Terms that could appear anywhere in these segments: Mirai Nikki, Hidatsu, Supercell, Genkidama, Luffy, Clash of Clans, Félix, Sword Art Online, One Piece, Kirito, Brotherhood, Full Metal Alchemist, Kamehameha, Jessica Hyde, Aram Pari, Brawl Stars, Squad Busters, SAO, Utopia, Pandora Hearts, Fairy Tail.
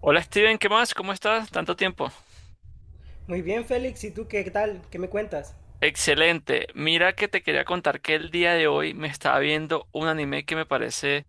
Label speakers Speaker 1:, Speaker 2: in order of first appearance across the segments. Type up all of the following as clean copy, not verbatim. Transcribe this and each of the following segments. Speaker 1: Hola Steven, ¿qué más? ¿Cómo estás? Tanto tiempo.
Speaker 2: Muy bien, Félix, ¿y tú qué tal? ¿Qué me cuentas?
Speaker 1: Excelente. Mira que te quería contar que el día de hoy me estaba viendo un anime que me parece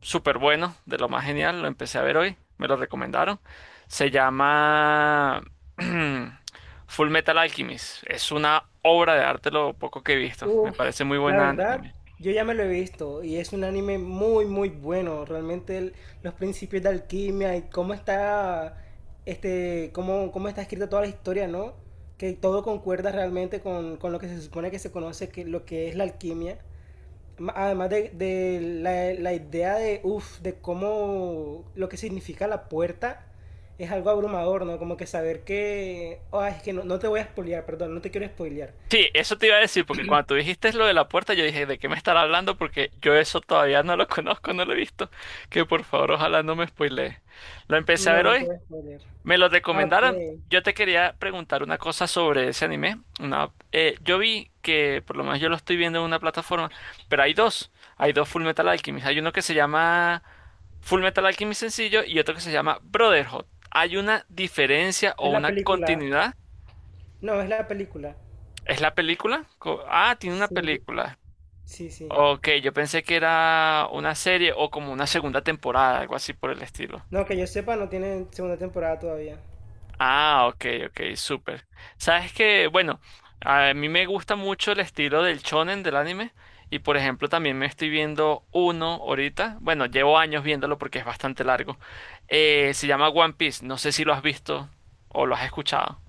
Speaker 1: súper bueno, de lo más genial. Lo empecé a ver hoy, me lo recomendaron. Se llama Full Metal Alchemist. Es una obra de arte lo poco que he visto. Me
Speaker 2: Uf,
Speaker 1: parece muy
Speaker 2: la
Speaker 1: buena
Speaker 2: verdad,
Speaker 1: anime.
Speaker 2: yo ya me lo he visto y es un anime muy, muy bueno. Realmente los principios de alquimia y cómo está, cómo está escrita toda la historia, ¿no? Que todo concuerda realmente con lo que se supone que se conoce, que lo que es la alquimia. Además de la idea de cómo lo que significa la puerta es algo abrumador, ¿no? Como que saber que, ah, es que no te voy a spoilear, perdón, no te quiero spoilear.
Speaker 1: Sí, eso te iba a decir, porque cuando tú dijiste lo de la puerta, yo dije, ¿de qué me estará hablando? Porque yo eso todavía no lo conozco, no lo he visto. Que por favor, ojalá no me spoilee. Lo empecé a
Speaker 2: No,
Speaker 1: ver
Speaker 2: no te
Speaker 1: hoy,
Speaker 2: voy a spoilear.
Speaker 1: me lo
Speaker 2: Ah,
Speaker 1: recomendaron.
Speaker 2: ok.
Speaker 1: Yo te quería preguntar una cosa sobre ese anime. Una, yo vi que, por lo menos yo lo estoy viendo en una plataforma, pero hay dos. Hay dos Full Metal Alchemist. Hay uno que se llama Full Metal Alchemist sencillo y otro que se llama Brotherhood. ¿Hay una diferencia o
Speaker 2: Es la
Speaker 1: una
Speaker 2: película.
Speaker 1: continuidad?
Speaker 2: No, es la película.
Speaker 1: ¿Es la película? Ah, tiene una
Speaker 2: Sí,
Speaker 1: película.
Speaker 2: sí, sí.
Speaker 1: Ok, yo pensé que era una serie o como una segunda temporada, algo así por el estilo.
Speaker 2: No, que yo sepa, no tiene segunda temporada todavía.
Speaker 1: Ah, ok, ok, súper. Sabes que, bueno, a mí me gusta mucho el estilo del shonen del anime y por ejemplo también me estoy viendo uno ahorita, bueno, llevo años viéndolo porque es bastante largo. Se llama One Piece, no sé si lo has visto o lo has escuchado.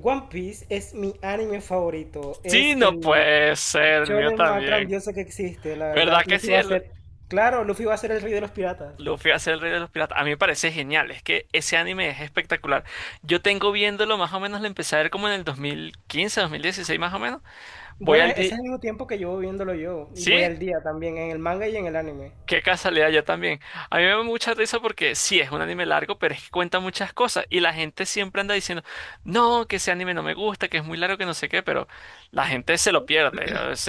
Speaker 2: One Piece es mi anime favorito.
Speaker 1: Sí,
Speaker 2: Es
Speaker 1: no
Speaker 2: el
Speaker 1: puede ser, el mío
Speaker 2: shonen más
Speaker 1: también.
Speaker 2: grandioso que existe, la
Speaker 1: ¿Verdad
Speaker 2: verdad.
Speaker 1: que
Speaker 2: Luffy
Speaker 1: sí?
Speaker 2: va a
Speaker 1: El
Speaker 2: ser. Claro, Luffy va a ser el rey de los piratas.
Speaker 1: Luffy hace el rey de los piratas. A mí me parece genial, es que ese anime es espectacular. Yo tengo viéndolo más o menos, lo empecé a ver como en el 2015, 2016, más o menos. Voy
Speaker 2: Bueno,
Speaker 1: al,
Speaker 2: ese es
Speaker 1: di-
Speaker 2: el mismo tiempo que llevo viéndolo yo. Y voy
Speaker 1: Sí,
Speaker 2: al día también, en el manga y en el anime.
Speaker 1: qué casualidad, yo también. A mí me da mucha risa porque sí, es un anime largo, pero es que cuenta muchas cosas. Y la gente siempre anda diciendo, no, que ese anime no me gusta, que es muy largo, que no sé qué, pero la gente se lo pierde. Es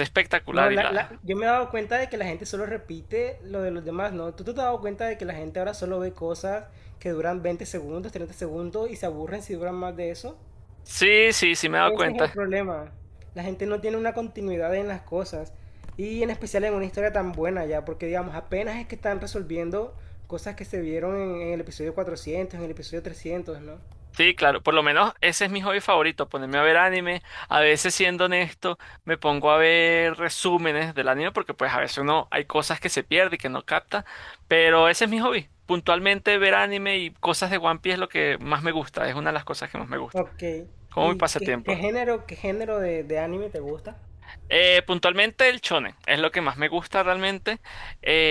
Speaker 2: No,
Speaker 1: espectacular y la...
Speaker 2: yo me he dado cuenta de que la gente solo repite lo de los demás, ¿no? ¿Tú te has dado cuenta de que la gente ahora solo ve cosas que duran 20 segundos, 30 segundos y se aburren si duran más de eso?
Speaker 1: Sí, sí, sí me he dado
Speaker 2: Ese es el
Speaker 1: cuenta.
Speaker 2: problema. La gente no tiene una continuidad en las cosas. Y en especial en una historia tan buena ya, porque digamos, apenas es que están resolviendo cosas que se vieron en el episodio 400, en el episodio 300, ¿no?
Speaker 1: Sí, claro, por lo menos ese es mi hobby favorito, ponerme a ver anime. A veces, siendo honesto, me pongo a ver resúmenes del anime porque pues a veces uno hay cosas que se pierde y que no capta, pero ese es mi hobby. Puntualmente ver anime y cosas de One Piece es lo que más me gusta, es una de las cosas que más me gusta,
Speaker 2: Ok.
Speaker 1: como mi
Speaker 2: ¿Y qué, qué
Speaker 1: pasatiempo.
Speaker 2: género, qué género de anime te gusta?
Speaker 1: Puntualmente el shonen es lo que más me gusta realmente.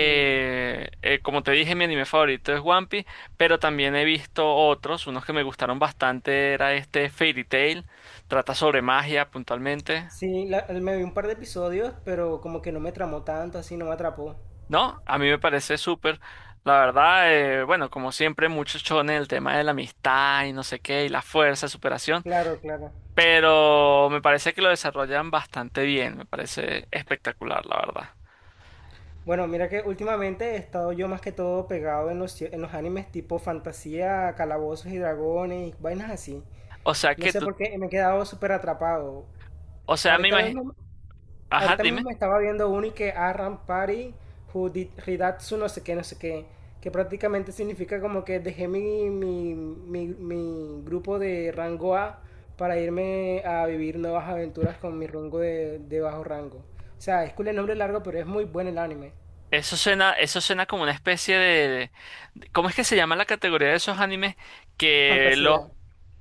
Speaker 2: Mm,
Speaker 1: eh, Como te dije, mi anime favorito es One Piece, pero también he visto otros. Unos que me gustaron bastante era este Fairy Tail. Trata sobre magia puntualmente.
Speaker 2: sí, me vi un par de episodios, pero como que no me tramó tanto, así no me atrapó.
Speaker 1: ¿No? A mí me parece súper. La verdad, bueno, como siempre, muchos shonen, el tema de la amistad y no sé qué, y la fuerza, superación.
Speaker 2: Claro, claro.
Speaker 1: Pero me parece que lo desarrollan bastante bien. Me parece espectacular, la verdad.
Speaker 2: Bueno, mira que últimamente he estado yo más que todo pegado en los animes tipo fantasía, calabozos y dragones y vainas así.
Speaker 1: O sea
Speaker 2: No
Speaker 1: que
Speaker 2: sé
Speaker 1: tú,
Speaker 2: por qué me he quedado súper atrapado.
Speaker 1: o sea, me
Speaker 2: Ahorita
Speaker 1: imagino.
Speaker 2: mismo,
Speaker 1: Ajá,
Speaker 2: Ahorita mismo
Speaker 1: dime.
Speaker 2: me estaba viendo uno y que Aram Pari, who did Hidatsu, no sé qué, no sé qué, que prácticamente significa como que dejé mi grupo de rango A para irme a vivir nuevas aventuras con mi rango de bajo rango. O sea, es cool el nombre largo, pero es muy bueno el anime.
Speaker 1: Eso suena como una especie de, ¿cómo es que se llama la categoría de esos animes? Que los...
Speaker 2: Fantasía.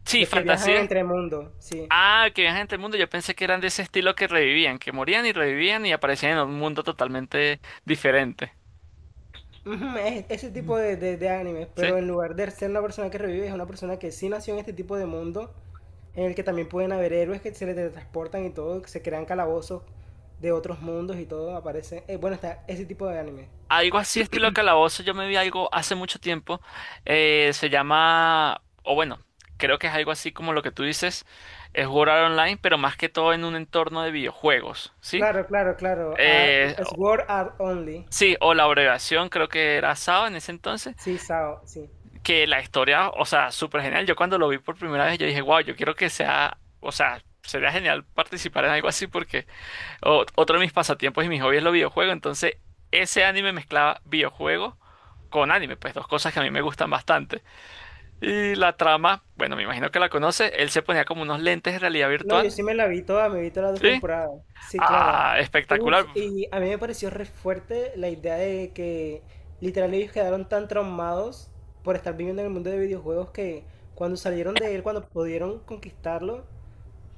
Speaker 1: Sí,
Speaker 2: Los que viajan
Speaker 1: fantasía.
Speaker 2: entre mundos, sí.
Speaker 1: Ah, que viajan entre el mundo. Yo pensé que eran de ese estilo que revivían, que morían y revivían y aparecían en un mundo totalmente diferente.
Speaker 2: Ujú, es ese tipo de animes,
Speaker 1: ¿Sí?
Speaker 2: pero en lugar de ser una persona que revive, es una persona que sí nació en este tipo de mundo, en el que también pueden haber héroes que se le teletransportan y todo, que se crean calabozos de otros mundos y todo, aparece. Bueno, está ese tipo de anime.
Speaker 1: Algo así, estilo calabozo. Yo me vi algo hace mucho tiempo. Se llama... O bueno, creo que es algo así como lo que tú dices. Es jugar online, pero más que todo en un entorno de videojuegos. ¿Sí?
Speaker 2: Claro, claro, claro. Ah,
Speaker 1: Eh,
Speaker 2: es Sword Art Only.
Speaker 1: Sí, o la abreviación, creo que era SAO en ese entonces,
Speaker 2: Sí, Sao, sí.
Speaker 1: que la historia, o sea, súper genial. Yo cuando lo vi por primera vez, yo dije, wow, yo quiero que sea, o sea, sería genial participar en algo así porque otro de mis pasatiempos y mis hobbies es los videojuegos. Entonces, ese anime mezclaba videojuegos con anime, pues dos cosas que a mí me gustan bastante. Y la trama, bueno, me imagino que la conoce, él se ponía como unos lentes de realidad
Speaker 2: No, yo sí
Speaker 1: virtual,
Speaker 2: me la vi toda, me vi todas las dos
Speaker 1: ¿sí?
Speaker 2: temporadas. Sí, claro.
Speaker 1: Ah,
Speaker 2: Uf,
Speaker 1: espectacular.
Speaker 2: y a mí me pareció re fuerte la idea de que literal ellos quedaron tan traumados por estar viviendo en el mundo de videojuegos que cuando salieron de él, cuando pudieron conquistarlo,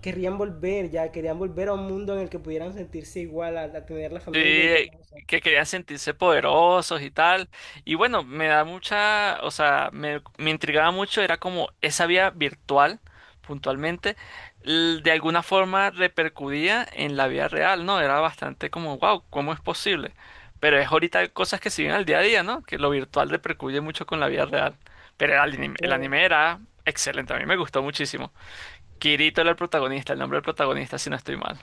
Speaker 2: querrían volver ya, querían volver a un mundo en el que pudieran sentirse igual, a, tener la familia y todo
Speaker 1: Sí,
Speaker 2: eso.
Speaker 1: que querían sentirse poderosos y tal. Y bueno, me da mucha, o sea, me intrigaba mucho, era como esa vía virtual, puntualmente, de alguna forma repercutía en la vida real, ¿no? Era bastante como, wow, ¿cómo es posible? Pero es ahorita cosas que se viven al día a día, ¿no? Que lo virtual repercute mucho con la vida real. Pero el
Speaker 2: Bueno,
Speaker 1: anime era excelente, a mí me gustó muchísimo. Kirito era el protagonista, el nombre del protagonista, si no estoy mal.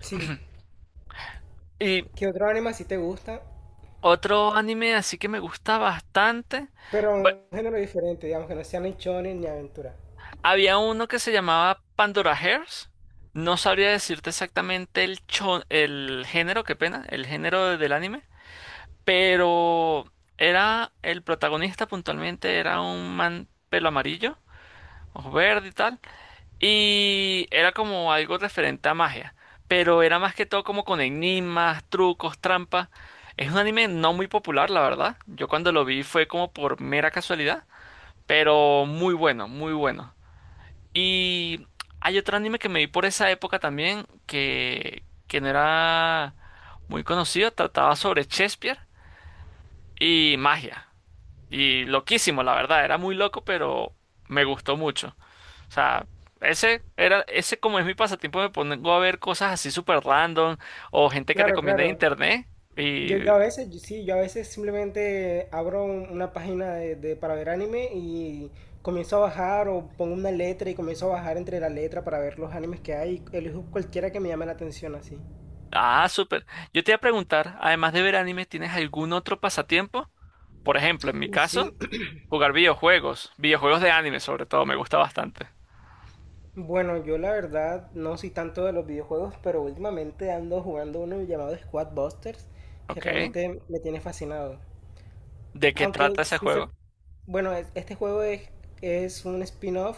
Speaker 2: sí.
Speaker 1: Y
Speaker 2: ¿Qué otro anime sí te gusta?
Speaker 1: otro anime así que me gusta bastante.
Speaker 2: Pero
Speaker 1: bu-
Speaker 2: un género diferente, digamos, que no sea ni shonen ni aventura.
Speaker 1: Había uno que se llamaba Pandora Hearts. No sabría decirte exactamente el, el género, qué pena, el género del anime. Pero era el protagonista puntualmente, era un man pelo amarillo, ojos verde y tal. Y era como algo referente a magia. Pero era más que todo como con enigmas, trucos, trampas. Es un anime no muy popular, la verdad. Yo cuando lo vi fue como por mera casualidad. Pero muy bueno, muy bueno. Y hay otro anime que me vi por esa época también, que no era muy conocido, trataba sobre Shakespeare y magia. Y loquísimo, la verdad, era muy loco, pero me gustó mucho. O sea, ese era, ese como es mi pasatiempo, me pongo a ver cosas así súper random o gente que
Speaker 2: Claro,
Speaker 1: recomienda en
Speaker 2: claro.
Speaker 1: internet. Y,
Speaker 2: Yo a veces, sí, yo a veces simplemente abro una página para ver anime y comienzo a bajar o pongo una letra y comienzo a bajar entre la letra para ver los animes que hay y elijo cualquiera que me llame la atención así.
Speaker 1: ah, súper. Yo te iba a preguntar, además de ver anime, ¿tienes algún otro pasatiempo? Por ejemplo, en mi caso.
Speaker 2: Sí,
Speaker 1: Jugar videojuegos, videojuegos de anime sobre todo, me gusta bastante.
Speaker 2: bueno, yo la verdad no soy tanto de los videojuegos, pero últimamente ando jugando uno llamado Squad Busters que
Speaker 1: Ok.
Speaker 2: realmente me tiene fascinado.
Speaker 1: ¿De qué
Speaker 2: Aunque,
Speaker 1: trata ese
Speaker 2: sí,
Speaker 1: juego?
Speaker 2: bueno, este juego es un spin-off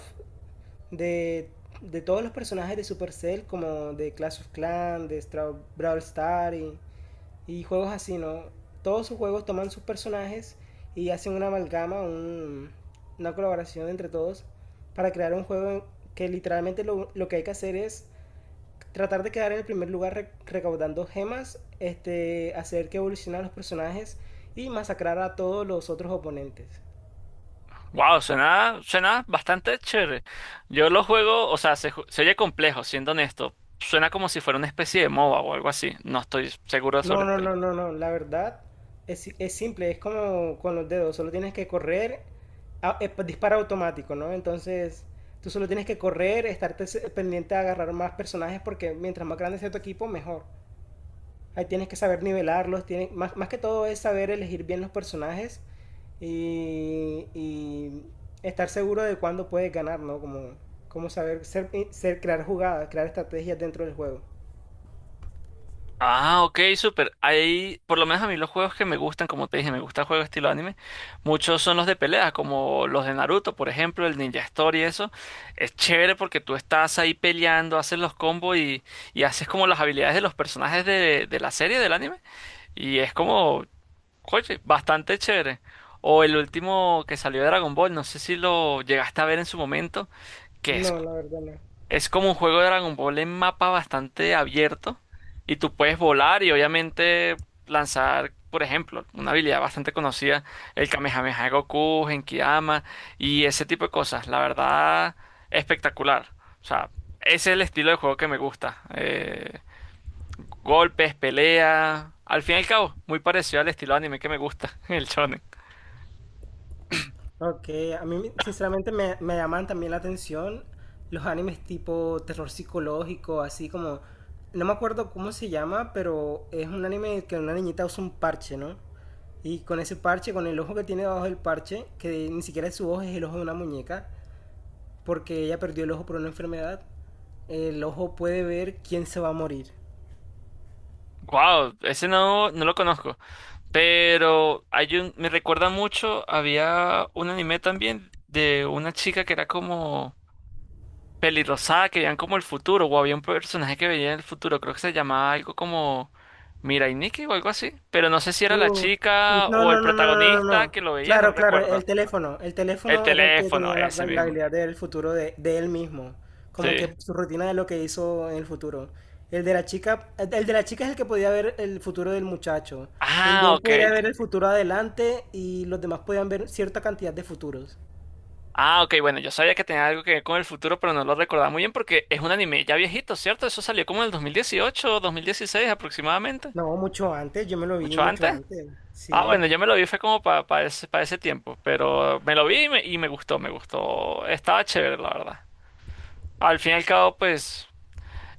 Speaker 2: de, de todos los personajes de Supercell, como de Clash of Clans, de Brawl Star y juegos así, ¿no? Todos sus juegos toman sus personajes y hacen una amalgama, una colaboración entre todos para crear un juego que literalmente lo que hay que hacer es tratar de quedar en el primer lugar recaudando gemas, hacer que evolucionen los personajes y masacrar a todos los otros oponentes.
Speaker 1: Wow, suena, suena bastante chévere. Yo lo juego, o sea, se oye complejo, siendo honesto. Suena como si fuera una especie de MOBA o algo así. No estoy seguro sobre
Speaker 2: No,
Speaker 1: el
Speaker 2: no,
Speaker 1: tema.
Speaker 2: no, no, no. La verdad es, si- es simple, es como con los dedos. Solo tienes que correr, dispara automático, ¿no? Entonces, tú solo tienes que correr, estarte pendiente a agarrar más personajes porque mientras más grande sea tu equipo, mejor. Ahí tienes que saber nivelarlos, más que todo es saber elegir bien los personajes y estar seguro de cuándo puedes ganar, ¿no? Como saber ser, crear jugadas, crear estrategias dentro del juego.
Speaker 1: Ah, ok, súper. Hay, por lo menos a mí los juegos que me gustan, como te dije, me gusta juegos estilo anime. Muchos son los de peleas, como los de Naruto, por ejemplo, el Ninja Story, eso. Es chévere porque tú estás ahí peleando, haces los combos y haces como las habilidades de los personajes de la serie, del anime. Y es como, oye, bastante chévere. O el último que salió de Dragon Ball, no sé si lo llegaste a ver en su momento, que
Speaker 2: No, la verdad no.
Speaker 1: es como un juego de Dragon Ball en mapa bastante abierto y tú puedes volar y obviamente lanzar, por ejemplo, una habilidad bastante conocida, el Kamehameha de Goku, Genkidama y ese tipo de cosas. La verdad, espectacular. O sea, ese es el estilo de juego que me gusta. Golpes, pelea, al fin y al cabo, muy parecido al estilo anime que me gusta, el shonen.
Speaker 2: Ok, a mí sinceramente me llaman también la atención los animes tipo terror psicológico, así como, no me acuerdo cómo se llama, pero es un anime que una niñita usa un parche, ¿no? Y con ese parche, con el ojo que tiene debajo del parche, que ni siquiera es su ojo, es el ojo de una muñeca, porque ella perdió el ojo por una enfermedad, el ojo puede ver quién se va a morir.
Speaker 1: Wow, ese no, no lo conozco. Pero hay un, me recuerda mucho, había un anime también de una chica que era como pelirrosada, que veían como el futuro, o había un personaje que veía el futuro, creo que se llamaba algo como Mirai Nikki o algo así, pero no sé si era la
Speaker 2: Uh,
Speaker 1: chica
Speaker 2: no,
Speaker 1: o el
Speaker 2: no, no, no, no, no.
Speaker 1: protagonista
Speaker 2: No.
Speaker 1: que lo veía, no
Speaker 2: Claro, claro, el
Speaker 1: recuerdo.
Speaker 2: teléfono. El
Speaker 1: El
Speaker 2: teléfono era el que
Speaker 1: teléfono,
Speaker 2: tenía la,
Speaker 1: ese
Speaker 2: la
Speaker 1: mismo.
Speaker 2: habilidad del futuro de él mismo. Como
Speaker 1: Sí.
Speaker 2: que su rutina de lo que hizo en el futuro. El de la chica, el de la chica es el que podía ver el futuro del muchacho. El de
Speaker 1: Ah,
Speaker 2: él
Speaker 1: ok.
Speaker 2: podría ver el futuro adelante y los demás podían ver cierta cantidad de futuros.
Speaker 1: Ah, ok, bueno, yo sabía que tenía algo que ver con el futuro, pero no lo recordaba muy bien porque es un anime ya viejito, ¿cierto? Eso salió como en el 2018 o 2016 aproximadamente.
Speaker 2: No, mucho antes, yo me lo vi
Speaker 1: ¿Mucho
Speaker 2: mucho
Speaker 1: antes?
Speaker 2: antes.
Speaker 1: Ah,
Speaker 2: Sí.
Speaker 1: bueno, yo me lo vi, fue como para ese, pa ese tiempo, pero me lo vi y y me gustó, me gustó. Estaba chévere, la verdad. Al fin y al cabo, pues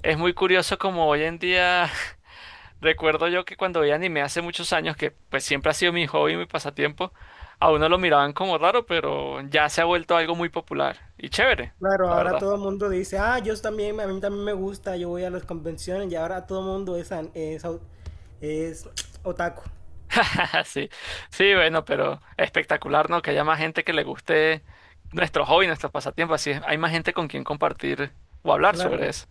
Speaker 1: es muy curioso como hoy en día, recuerdo yo que cuando veía anime hace muchos años, que pues siempre ha sido mi hobby, mi pasatiempo, a uno lo miraban como raro, pero ya se ha vuelto algo muy popular y chévere,
Speaker 2: Claro,
Speaker 1: la
Speaker 2: ahora
Speaker 1: verdad.
Speaker 2: todo el mundo dice, ah, yo también, a mí también me gusta, yo voy a las convenciones y ahora todo el mundo es, an- es, au- es otaku.
Speaker 1: Sí, sí, bueno, pero espectacular, ¿no? Que haya más gente que le guste nuestro hobby, nuestros pasatiempos, así es, hay más gente con quien compartir o hablar sobre
Speaker 2: Claro.
Speaker 1: eso.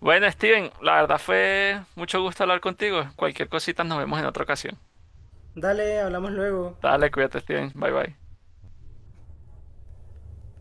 Speaker 1: Bueno, Steven, la verdad fue mucho gusto hablar contigo. Cualquier cosita nos vemos en otra ocasión.
Speaker 2: Dale, hablamos luego.
Speaker 1: Dale, cuídate, Steven. Bye bye.